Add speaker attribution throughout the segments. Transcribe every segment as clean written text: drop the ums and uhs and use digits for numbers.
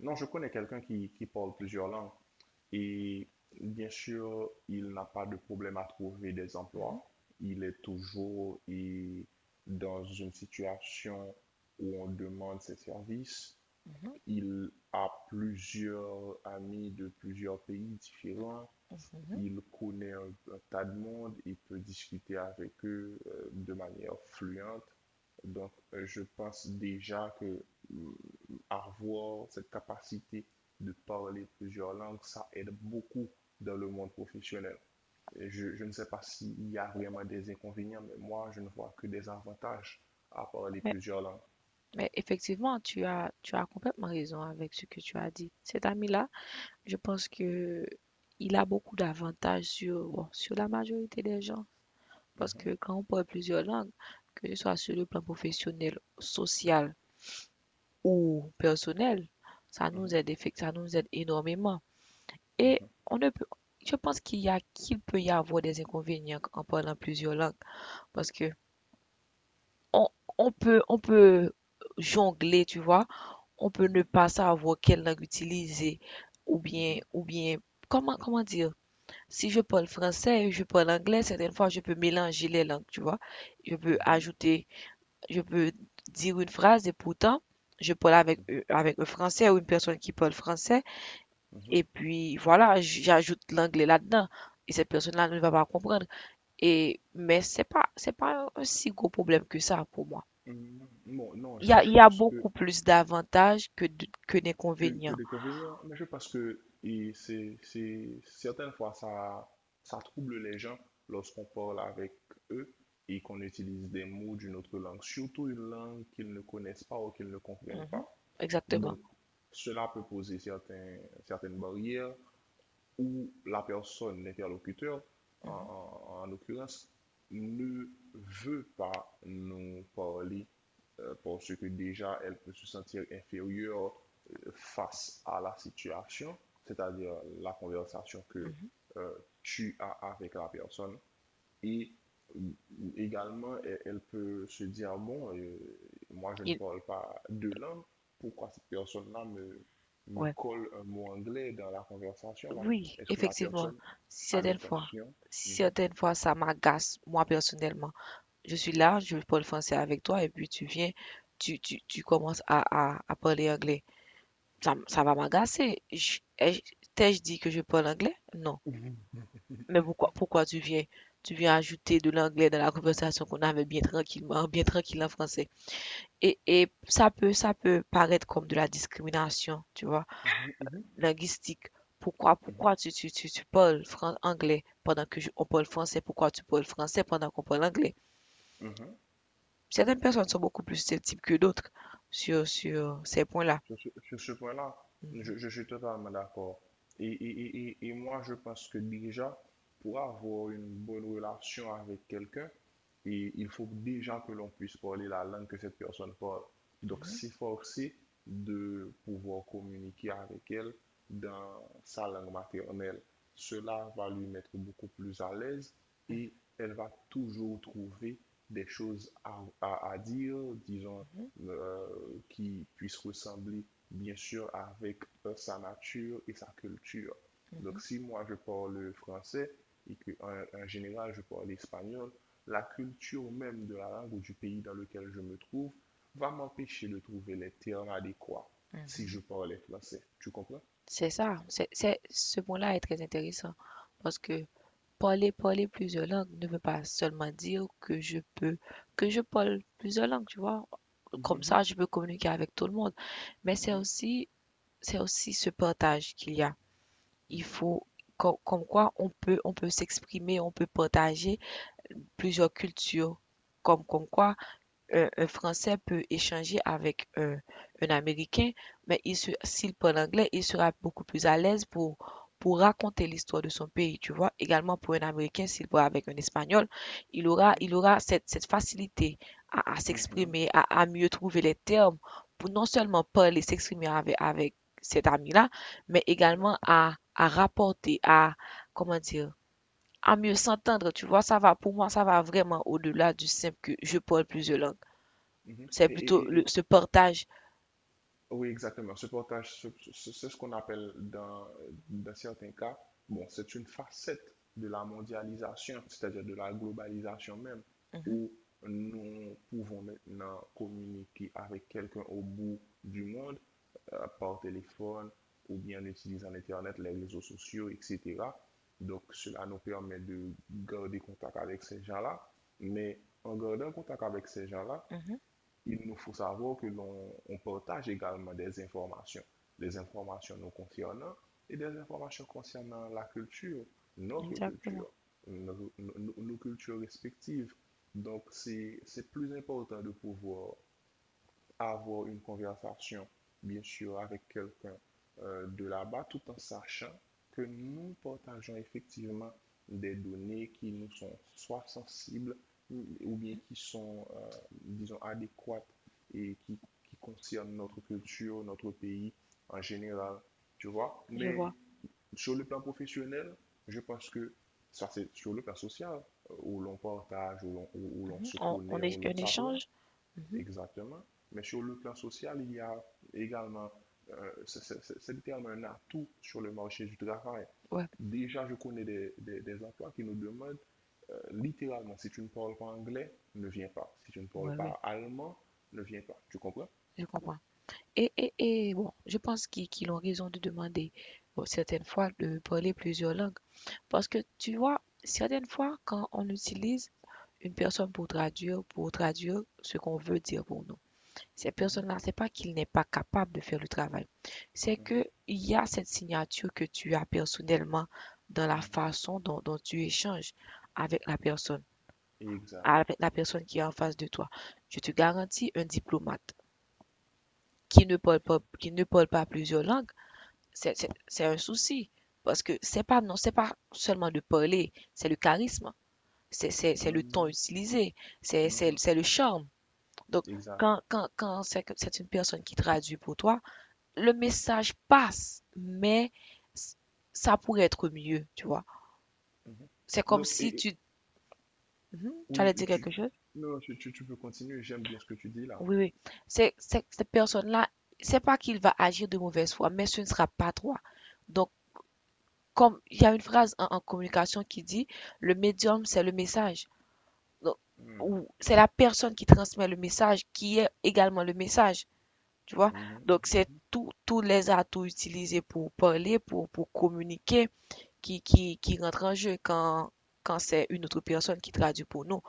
Speaker 1: Non, je connais quelqu'un qui parle plusieurs langues et bien sûr, il n'a pas de problème à trouver des
Speaker 2: Mhm,
Speaker 1: emplois. Il est toujours et, dans une situation où on demande ses services.
Speaker 2: mhm,
Speaker 1: Il a plusieurs amis de plusieurs pays différents.
Speaker 2: mhm.
Speaker 1: Il connaît un tas de monde, il peut discuter avec eux de manière fluente. Donc, je pense déjà que mm, avoir cette capacité de parler plusieurs langues, ça aide beaucoup dans le monde professionnel. Et je ne sais pas s'il y a vraiment des inconvénients, mais moi, je ne vois que des avantages à parler
Speaker 2: Mais,
Speaker 1: plusieurs langues.
Speaker 2: mais effectivement, tu as complètement raison avec ce que tu as dit. Cet ami-là, je pense que il a beaucoup d'avantages sur, bon, sur la majorité des gens. Parce
Speaker 1: Mhm,
Speaker 2: que quand on parle plusieurs langues, que ce soit sur le plan professionnel, social ou personnel, ça nous
Speaker 1: mhm,
Speaker 2: aide, effect- ça nous aide énormément. Et on ne peut, je pense qu'il peut y avoir des inconvénients en parlant plusieurs langues. Parce que on, on peut jongler, tu vois. On peut
Speaker 1: mhm,
Speaker 2: ne pas savoir quelle langue utiliser ou bien,
Speaker 1: mhm,
Speaker 2: comment dire? Si je parle français je parle anglais, certaines fois, je peux mélanger les langues, tu vois. Je peux
Speaker 1: mhm,
Speaker 2: ajouter, je peux dire une phrase et pourtant, je parle avec,
Speaker 1: mhm,
Speaker 2: euh, avec un français ou une personne qui parle français
Speaker 1: mhm,
Speaker 2: et
Speaker 1: mhm,
Speaker 2: puis voilà, j'ajoute l'anglais là-dedans. Et cette personne-là ne va pas comprendre. Et, mais c'est pas, un si gros problème que ça pour moi.
Speaker 1: mhm. Bon, non,
Speaker 2: Il y
Speaker 1: je,
Speaker 2: a,
Speaker 1: je
Speaker 2: il y a
Speaker 1: pense
Speaker 2: beaucoup plus d'avantages que que
Speaker 1: que
Speaker 2: d'inconvénients.
Speaker 1: d'inconvénients, mais je pense que et c'est certaines fois, ça trouble les gens lorsqu'on parle avec eux et qu'on utilise des mots d'une autre langue, surtout une langue qu'ils ne connaissent pas ou qu'ils ne comprennent pas.
Speaker 2: Mhm. Exactement.
Speaker 1: Donc, cela peut poser certains, certaines barrières où la personne, l'interlocuteur, en,
Speaker 2: Mhm,
Speaker 1: en- en l'occurrence, ne veut pas nous parler parce que déjà elle peut se sentir inférieure face à la situation, c'est-à-dire la conversation que
Speaker 2: mhm.
Speaker 1: euh, tu as avec la personne et euh, également, elle peut se dire, ah bon, moi je ne
Speaker 2: Il-
Speaker 1: parle pas deux langues, pourquoi cette personne-là me
Speaker 2: ouais.
Speaker 1: colle un mot anglais dans la conversation là?
Speaker 2: Oui,
Speaker 1: Est-ce que la
Speaker 2: effectivement.
Speaker 1: personne a
Speaker 2: Certaines fois,
Speaker 1: l'intention? Mhm,
Speaker 2: certaines fois, ça m'agace, moi personnellement. Je suis là, je parle français avec toi, et puis tu viens, tu commences à parler anglais. Ça va m'agacer. T'ai-je dit que je parle anglais? Non.
Speaker 1: mhm,
Speaker 2: Mais pourquoi tu viens ajouter de l'anglais dans la conversation qu'on avait bien tranquillement, bien tranquille en français? Et ça peut paraître comme de la discrimination, tu vois,
Speaker 1: mhm, mhm,
Speaker 2: linguistique. Pourquoi,
Speaker 1: mhm,
Speaker 2: pourquoi tu parles anglais pendant que on parle français? Pourquoi tu parles français pendant qu'on parle anglais?
Speaker 1: mhm.
Speaker 2: Certaines personnes sont beaucoup plus susceptibles que d'autres sur ces points-là.
Speaker 1: Sur ce point-là,
Speaker 2: Mhm,
Speaker 1: je suis totalement d'accord. Et moi, je pense que déjà, pour avoir une bonne relation avec quelqu'un, et il faut déjà que l'on puisse parler la langue que cette personne parle. Donc, s'efforcer de pouvoir communiquer avec elle dans sa langue maternelle. Cela va lui mettre beaucoup plus à l'aise et elle va toujours trouver des choses à dire, disons, euh, qui puisse ressembler, bien sûr, avec sa nature et sa culture.
Speaker 2: mhm,
Speaker 1: Donc, si moi je parle français et que en, général je parle espagnol, la culture même de la langue ou du pays dans lequel je me trouve va m'empêcher de trouver les termes adéquats si
Speaker 2: mhm.
Speaker 1: je parle français. Tu comprends?
Speaker 2: C'est ça. Ce point-là est très intéressant parce que parler plusieurs langues ne veut pas seulement dire que je parle plusieurs langues, tu vois? Comme
Speaker 1: Mhm,
Speaker 2: ça, je peux communiquer avec tout le monde. Mais c'est
Speaker 1: mhm,
Speaker 2: aussi ce partage qu'il y a. Il
Speaker 1: mhm,
Speaker 2: faut comme quoi on peut s'exprimer, on peut partager plusieurs cultures. Comme quoi un Français peut échanger avec un Américain, mais s'il parle anglais, il sera beaucoup plus à l'aise pour raconter l'histoire de son pays, tu vois. Également pour un Américain, s'il parle avec un Espagnol, il aura,
Speaker 1: mhm,
Speaker 2: il aura cette, cette facilité à, à
Speaker 1: mhm,
Speaker 2: s'exprimer, à mieux trouver les termes pour non seulement parler, s'exprimer avec cet ami-là, mais
Speaker 1: mhm,
Speaker 2: également à rapporter, à, comment dire, à mieux s'entendre, tu vois, ça va, pour moi, ça va vraiment au-delà du simple que je parle plusieurs langues.
Speaker 1: mhm.
Speaker 2: C'est plutôt le,
Speaker 1: Et-
Speaker 2: ce partage.
Speaker 1: oui, exactement. Ce portage, ce- ce- c'est ce qu'on appelle dans, dans certains cas, bon, c'est une facette de la mondialisation, c'est-à-dire de la globalisation même,
Speaker 2: Mhm,
Speaker 1: où nous pouvons maintenant communiquer avec quelqu'un au bout du monde par téléphone ou bien en utilisant l'Internet, les réseaux sociaux, etc. Donc, cela nous permet de garder contact avec ces gens-là, mais en gardant contact avec ces gens-là,
Speaker 2: mhm,
Speaker 1: il nous faut savoir que l'on on partage également des informations nous concernant et des informations concernant la culture, notre
Speaker 2: exactement,
Speaker 1: culture, nos cultures respectives. Donc, c'est plus important de pouvoir avoir une conversation, bien sûr, avec quelqu'un de là-bas, tout en sachant que nous partageons effectivement des données qui nous sont soit sensibles ou bien qui sont, disons, adéquates et qui concernent notre culture, notre pays en général, tu vois.
Speaker 2: je
Speaker 1: Mais
Speaker 2: vois.
Speaker 1: sur le plan professionnel, je pense que ça, c'est sur le plan social, où l'on partage, où l'on
Speaker 2: Mhm.
Speaker 1: se
Speaker 2: On,
Speaker 1: connaît,
Speaker 2: on
Speaker 1: où
Speaker 2: est
Speaker 1: l'on
Speaker 2: un
Speaker 1: s'apprend.
Speaker 2: échange. Mhm,
Speaker 1: Exactement. Mais sur le plan social, il y a également, littéralement un atout sur le marché du travail.
Speaker 2: ouais,
Speaker 1: Déjà, je connais des emplois qui nous demandent littéralement, si tu ne parles pas anglais, ne viens pas. Si tu ne parles
Speaker 2: ouais, ouais,
Speaker 1: pas allemand, ne viens pas. Tu comprends?
Speaker 2: je comprends. Et bon, je pense qu'ils ont raison de demander, bon, certaines fois, de parler plusieurs langues. Parce que tu vois, certaines fois, quand on utilise une personne pour traduire ce qu'on veut dire pour nous. Ces
Speaker 1: Mhm,
Speaker 2: personnes-là, c'est pas qu'ils n'est pas capable de faire le travail. C'est
Speaker 1: mhm,
Speaker 2: que il y a cette signature que tu as personnellement dans la
Speaker 1: mhm.
Speaker 2: façon dont tu échanges avec la personne,
Speaker 1: Exact.
Speaker 2: avec la personne qui est en face de toi. Je te garantis, un diplomate qui ne parle pas plusieurs langues, c'est un souci. Parce que c'est pas, non, c'est pas seulement de parler, c'est le charisme, c'est le ton
Speaker 1: Mhm,
Speaker 2: utilisé, c'est c'est-
Speaker 1: mhm.
Speaker 2: c'est le charme. Donc,
Speaker 1: Exact.
Speaker 2: quand c'est une personne qui traduit pour toi, le message passe, mais ça pourrait être mieux, tu vois.
Speaker 1: Mhm.
Speaker 2: C'est comme
Speaker 1: Donc,
Speaker 2: si
Speaker 1: et-
Speaker 2: tu. Mhm, tu allais
Speaker 1: oui,
Speaker 2: dire quelque chose?
Speaker 1: non, tu peux continuer. J'aime bien ce que tu dis là.
Speaker 2: Oui, oui. Cette personne-là, c'est pas qu'il va agir de mauvaise foi, mais ce ne sera pas toi. Donc, comme il y a une phrase en communication qui dit, le médium, c'est le message. Donc,
Speaker 1: Mhm,
Speaker 2: c'est la personne qui transmet le message, qui est également le message, tu vois. Donc,
Speaker 1: mhm.
Speaker 2: c'est tous les atouts utilisés pour parler, pour communiquer qui rentre en jeu quand c'est une autre personne qui traduit pour nous.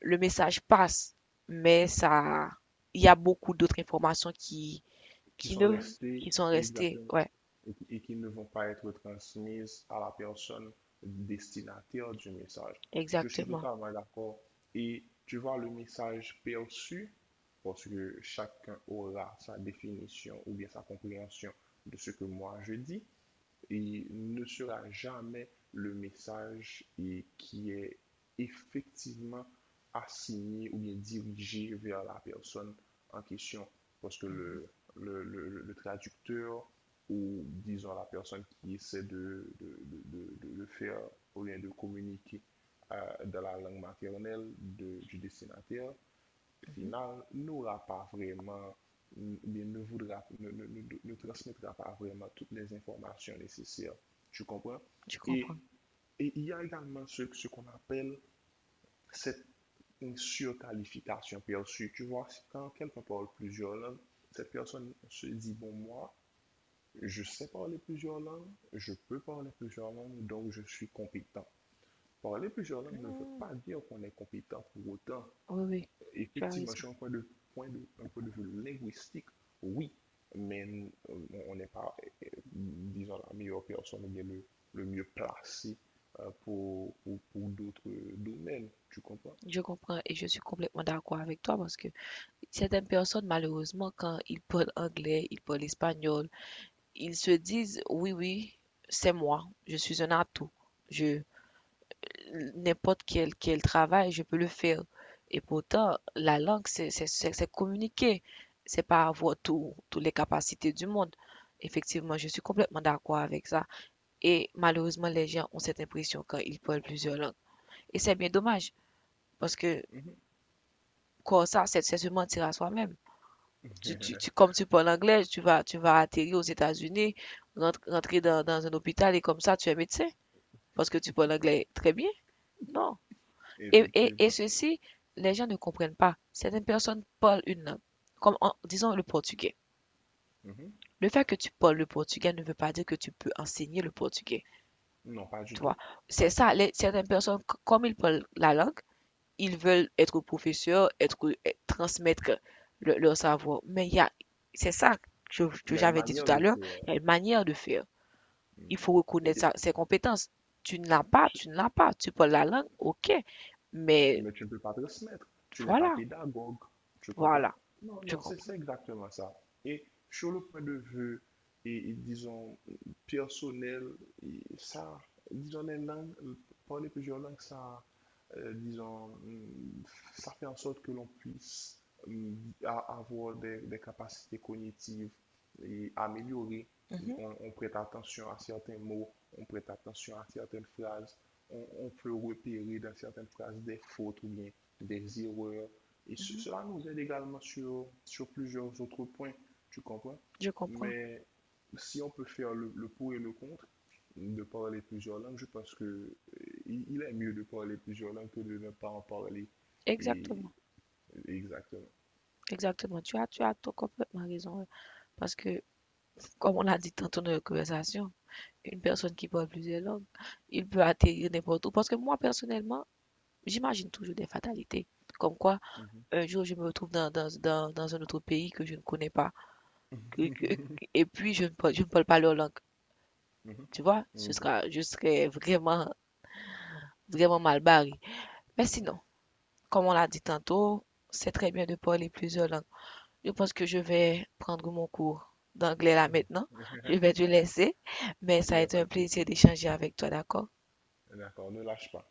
Speaker 2: Le message passe, mais ça, il y a beaucoup d'autres informations
Speaker 1: Qui
Speaker 2: qui
Speaker 1: sont
Speaker 2: ne,
Speaker 1: restés
Speaker 2: qui sont restées.
Speaker 1: exactement.
Speaker 2: Ouais,
Speaker 1: Et qui ne vont pas être transmises à la personne destinataire du message. Je suis
Speaker 2: exactement.
Speaker 1: totalement d'accord. Et tu vois, le message perçu, parce que chacun aura sa définition ou bien sa compréhension de ce que moi je dis, il ne sera jamais le message et qui est effectivement assigné ou bien dirigé vers la personne en question. Parce que
Speaker 2: Mhm,
Speaker 1: le traducteur ou disons la personne qui essaie de faire ou bien de communiquer euh, dans la langue maternelle de- du destinataire
Speaker 2: mhm.
Speaker 1: final n'aura pas vraiment, bien, ne, voudra, ne transmettra pas vraiment toutes les informations nécessaires. Tu comprends?
Speaker 2: Je
Speaker 1: Et,
Speaker 2: comprends.
Speaker 1: et il y a également ce qu'on appelle cette surqualification perçue. Tu vois, si quand quelqu'un parle plusieurs langues, cette personne se dit, bon, moi, je sais parler plusieurs langues, je peux parler plusieurs langues, donc je suis compétent. Parler plusieurs langues ne veut
Speaker 2: Mhm.
Speaker 1: pas dire qu'on est compétent pour autant.
Speaker 2: Oui, oui, tu as
Speaker 1: Effectivement,
Speaker 2: raison.
Speaker 1: sur un point de vue linguistique, oui, mais on n'est pas, disons, la meilleure personne ou bien le mieux placé pour d'autres domaines, tu comprends?
Speaker 2: Je comprends et je suis complètement d'accord avec toi parce que certaines personnes, malheureusement, quand ils parlent anglais, ils parlent espagnol, ils se disent, oui, oui, c'est moi, je suis un atout. Je, n'importe quel travail, je peux le faire. Et pourtant, la langue, c'est communiquer. C'est pas avoir toutes les capacités du monde. Effectivement, je suis complètement d'accord avec ça. Et malheureusement, les gens ont cette impression quand ils parlent plusieurs langues. Et c'est bien dommage, parce que
Speaker 1: Mhm.
Speaker 2: comme ça, c'est se mentir à soi-même. Tu, tu, tu- comme tu parles anglais, tu vas, atterrir aux États-Unis, rentrer dans un hôpital et comme ça, tu es médecin, parce que tu parles anglais très bien. Non. Et
Speaker 1: Effectivement.
Speaker 2: ceci, les gens ne comprennent pas. Certaines personnes parlent une langue, comme en, disons le portugais.
Speaker 1: Mhm.
Speaker 2: Le fait que tu parles le portugais ne veut pas dire que tu peux enseigner le portugais.
Speaker 1: Non, pas du
Speaker 2: Tu vois,
Speaker 1: tout. Pas
Speaker 2: c'est
Speaker 1: du
Speaker 2: ça.
Speaker 1: tout.
Speaker 2: Certaines personnes, comme ils parlent la langue, ils veulent être professeurs, transmettre leur savoir. Mais il y a, c'est ça que,
Speaker 1: Il
Speaker 2: que
Speaker 1: y a une
Speaker 2: j'avais dit
Speaker 1: manière
Speaker 2: tout à
Speaker 1: de
Speaker 2: l'heure,
Speaker 1: faire.
Speaker 2: il y a une manière de faire.
Speaker 1: Mhm.
Speaker 2: Il faut reconnaître
Speaker 1: Et-
Speaker 2: ses compétences. Tu ne l'as pas, tu ne l'as pas. Tu parles la langue, ok. Mais
Speaker 1: mais tu ne peux pas transmettre. Tu n'es pas
Speaker 2: voilà,
Speaker 1: pédagogue. Tu comprends?
Speaker 2: voilà,
Speaker 1: Non,
Speaker 2: je
Speaker 1: non, c'est
Speaker 2: comprends.
Speaker 1: c'est exactement ça. Et sur le point de vue, disons, personnel, et ça, disons, les langues, parler plusieurs langues, ça, disons, ça fait en sorte que l'on puisse hum, a- avoir des capacités cognitives et améliorées.
Speaker 2: Mhm,
Speaker 1: On prête attention à certains mots, on prête attention à certaines phrases, on peut repérer dans certaines phrases des fautes ou bien des erreurs. Et ce-
Speaker 2: mhm.
Speaker 1: cela nous aide également sur, sur plusieurs autres points, tu comprends?
Speaker 2: Je comprends.
Speaker 1: Mais si on peut faire le pour et le contre de parler plusieurs langues, je pense que il est mieux de parler plusieurs langues que de ne pas en parler. Et
Speaker 2: Exactement.
Speaker 1: exactement.
Speaker 2: Exactement. Tu as tout complètement raison. Ouais. Parce que, comme on l'a dit tantôt dans la conversation, une personne qui parle plusieurs langues, il peut atterrir n'importe où. Parce que moi, personnellement, j'imagine toujours des fatalités. Comme quoi,
Speaker 1: Mhm.
Speaker 2: un jour, je me retrouve dans un autre pays que je ne connais pas. que- que-
Speaker 1: Mhm.
Speaker 2: et puis, je ne parle pas leur langue. Tu vois, ce
Speaker 1: Mhm.
Speaker 2: sera, je serais vraiment, vraiment mal barré. Mais sinon, comme on l'a dit tantôt, c'est très bien de parler plusieurs langues. Je pense que je vais prendre mon cours d'anglais là
Speaker 1: Mhm.
Speaker 2: maintenant. Je vais te laisser, mais
Speaker 1: Il
Speaker 2: ça a
Speaker 1: n'y a
Speaker 2: été
Speaker 1: pas
Speaker 2: un
Speaker 1: de
Speaker 2: plaisir
Speaker 1: souci.
Speaker 2: d'échanger avec toi, d'accord?
Speaker 1: D'accord, ne lâche pas.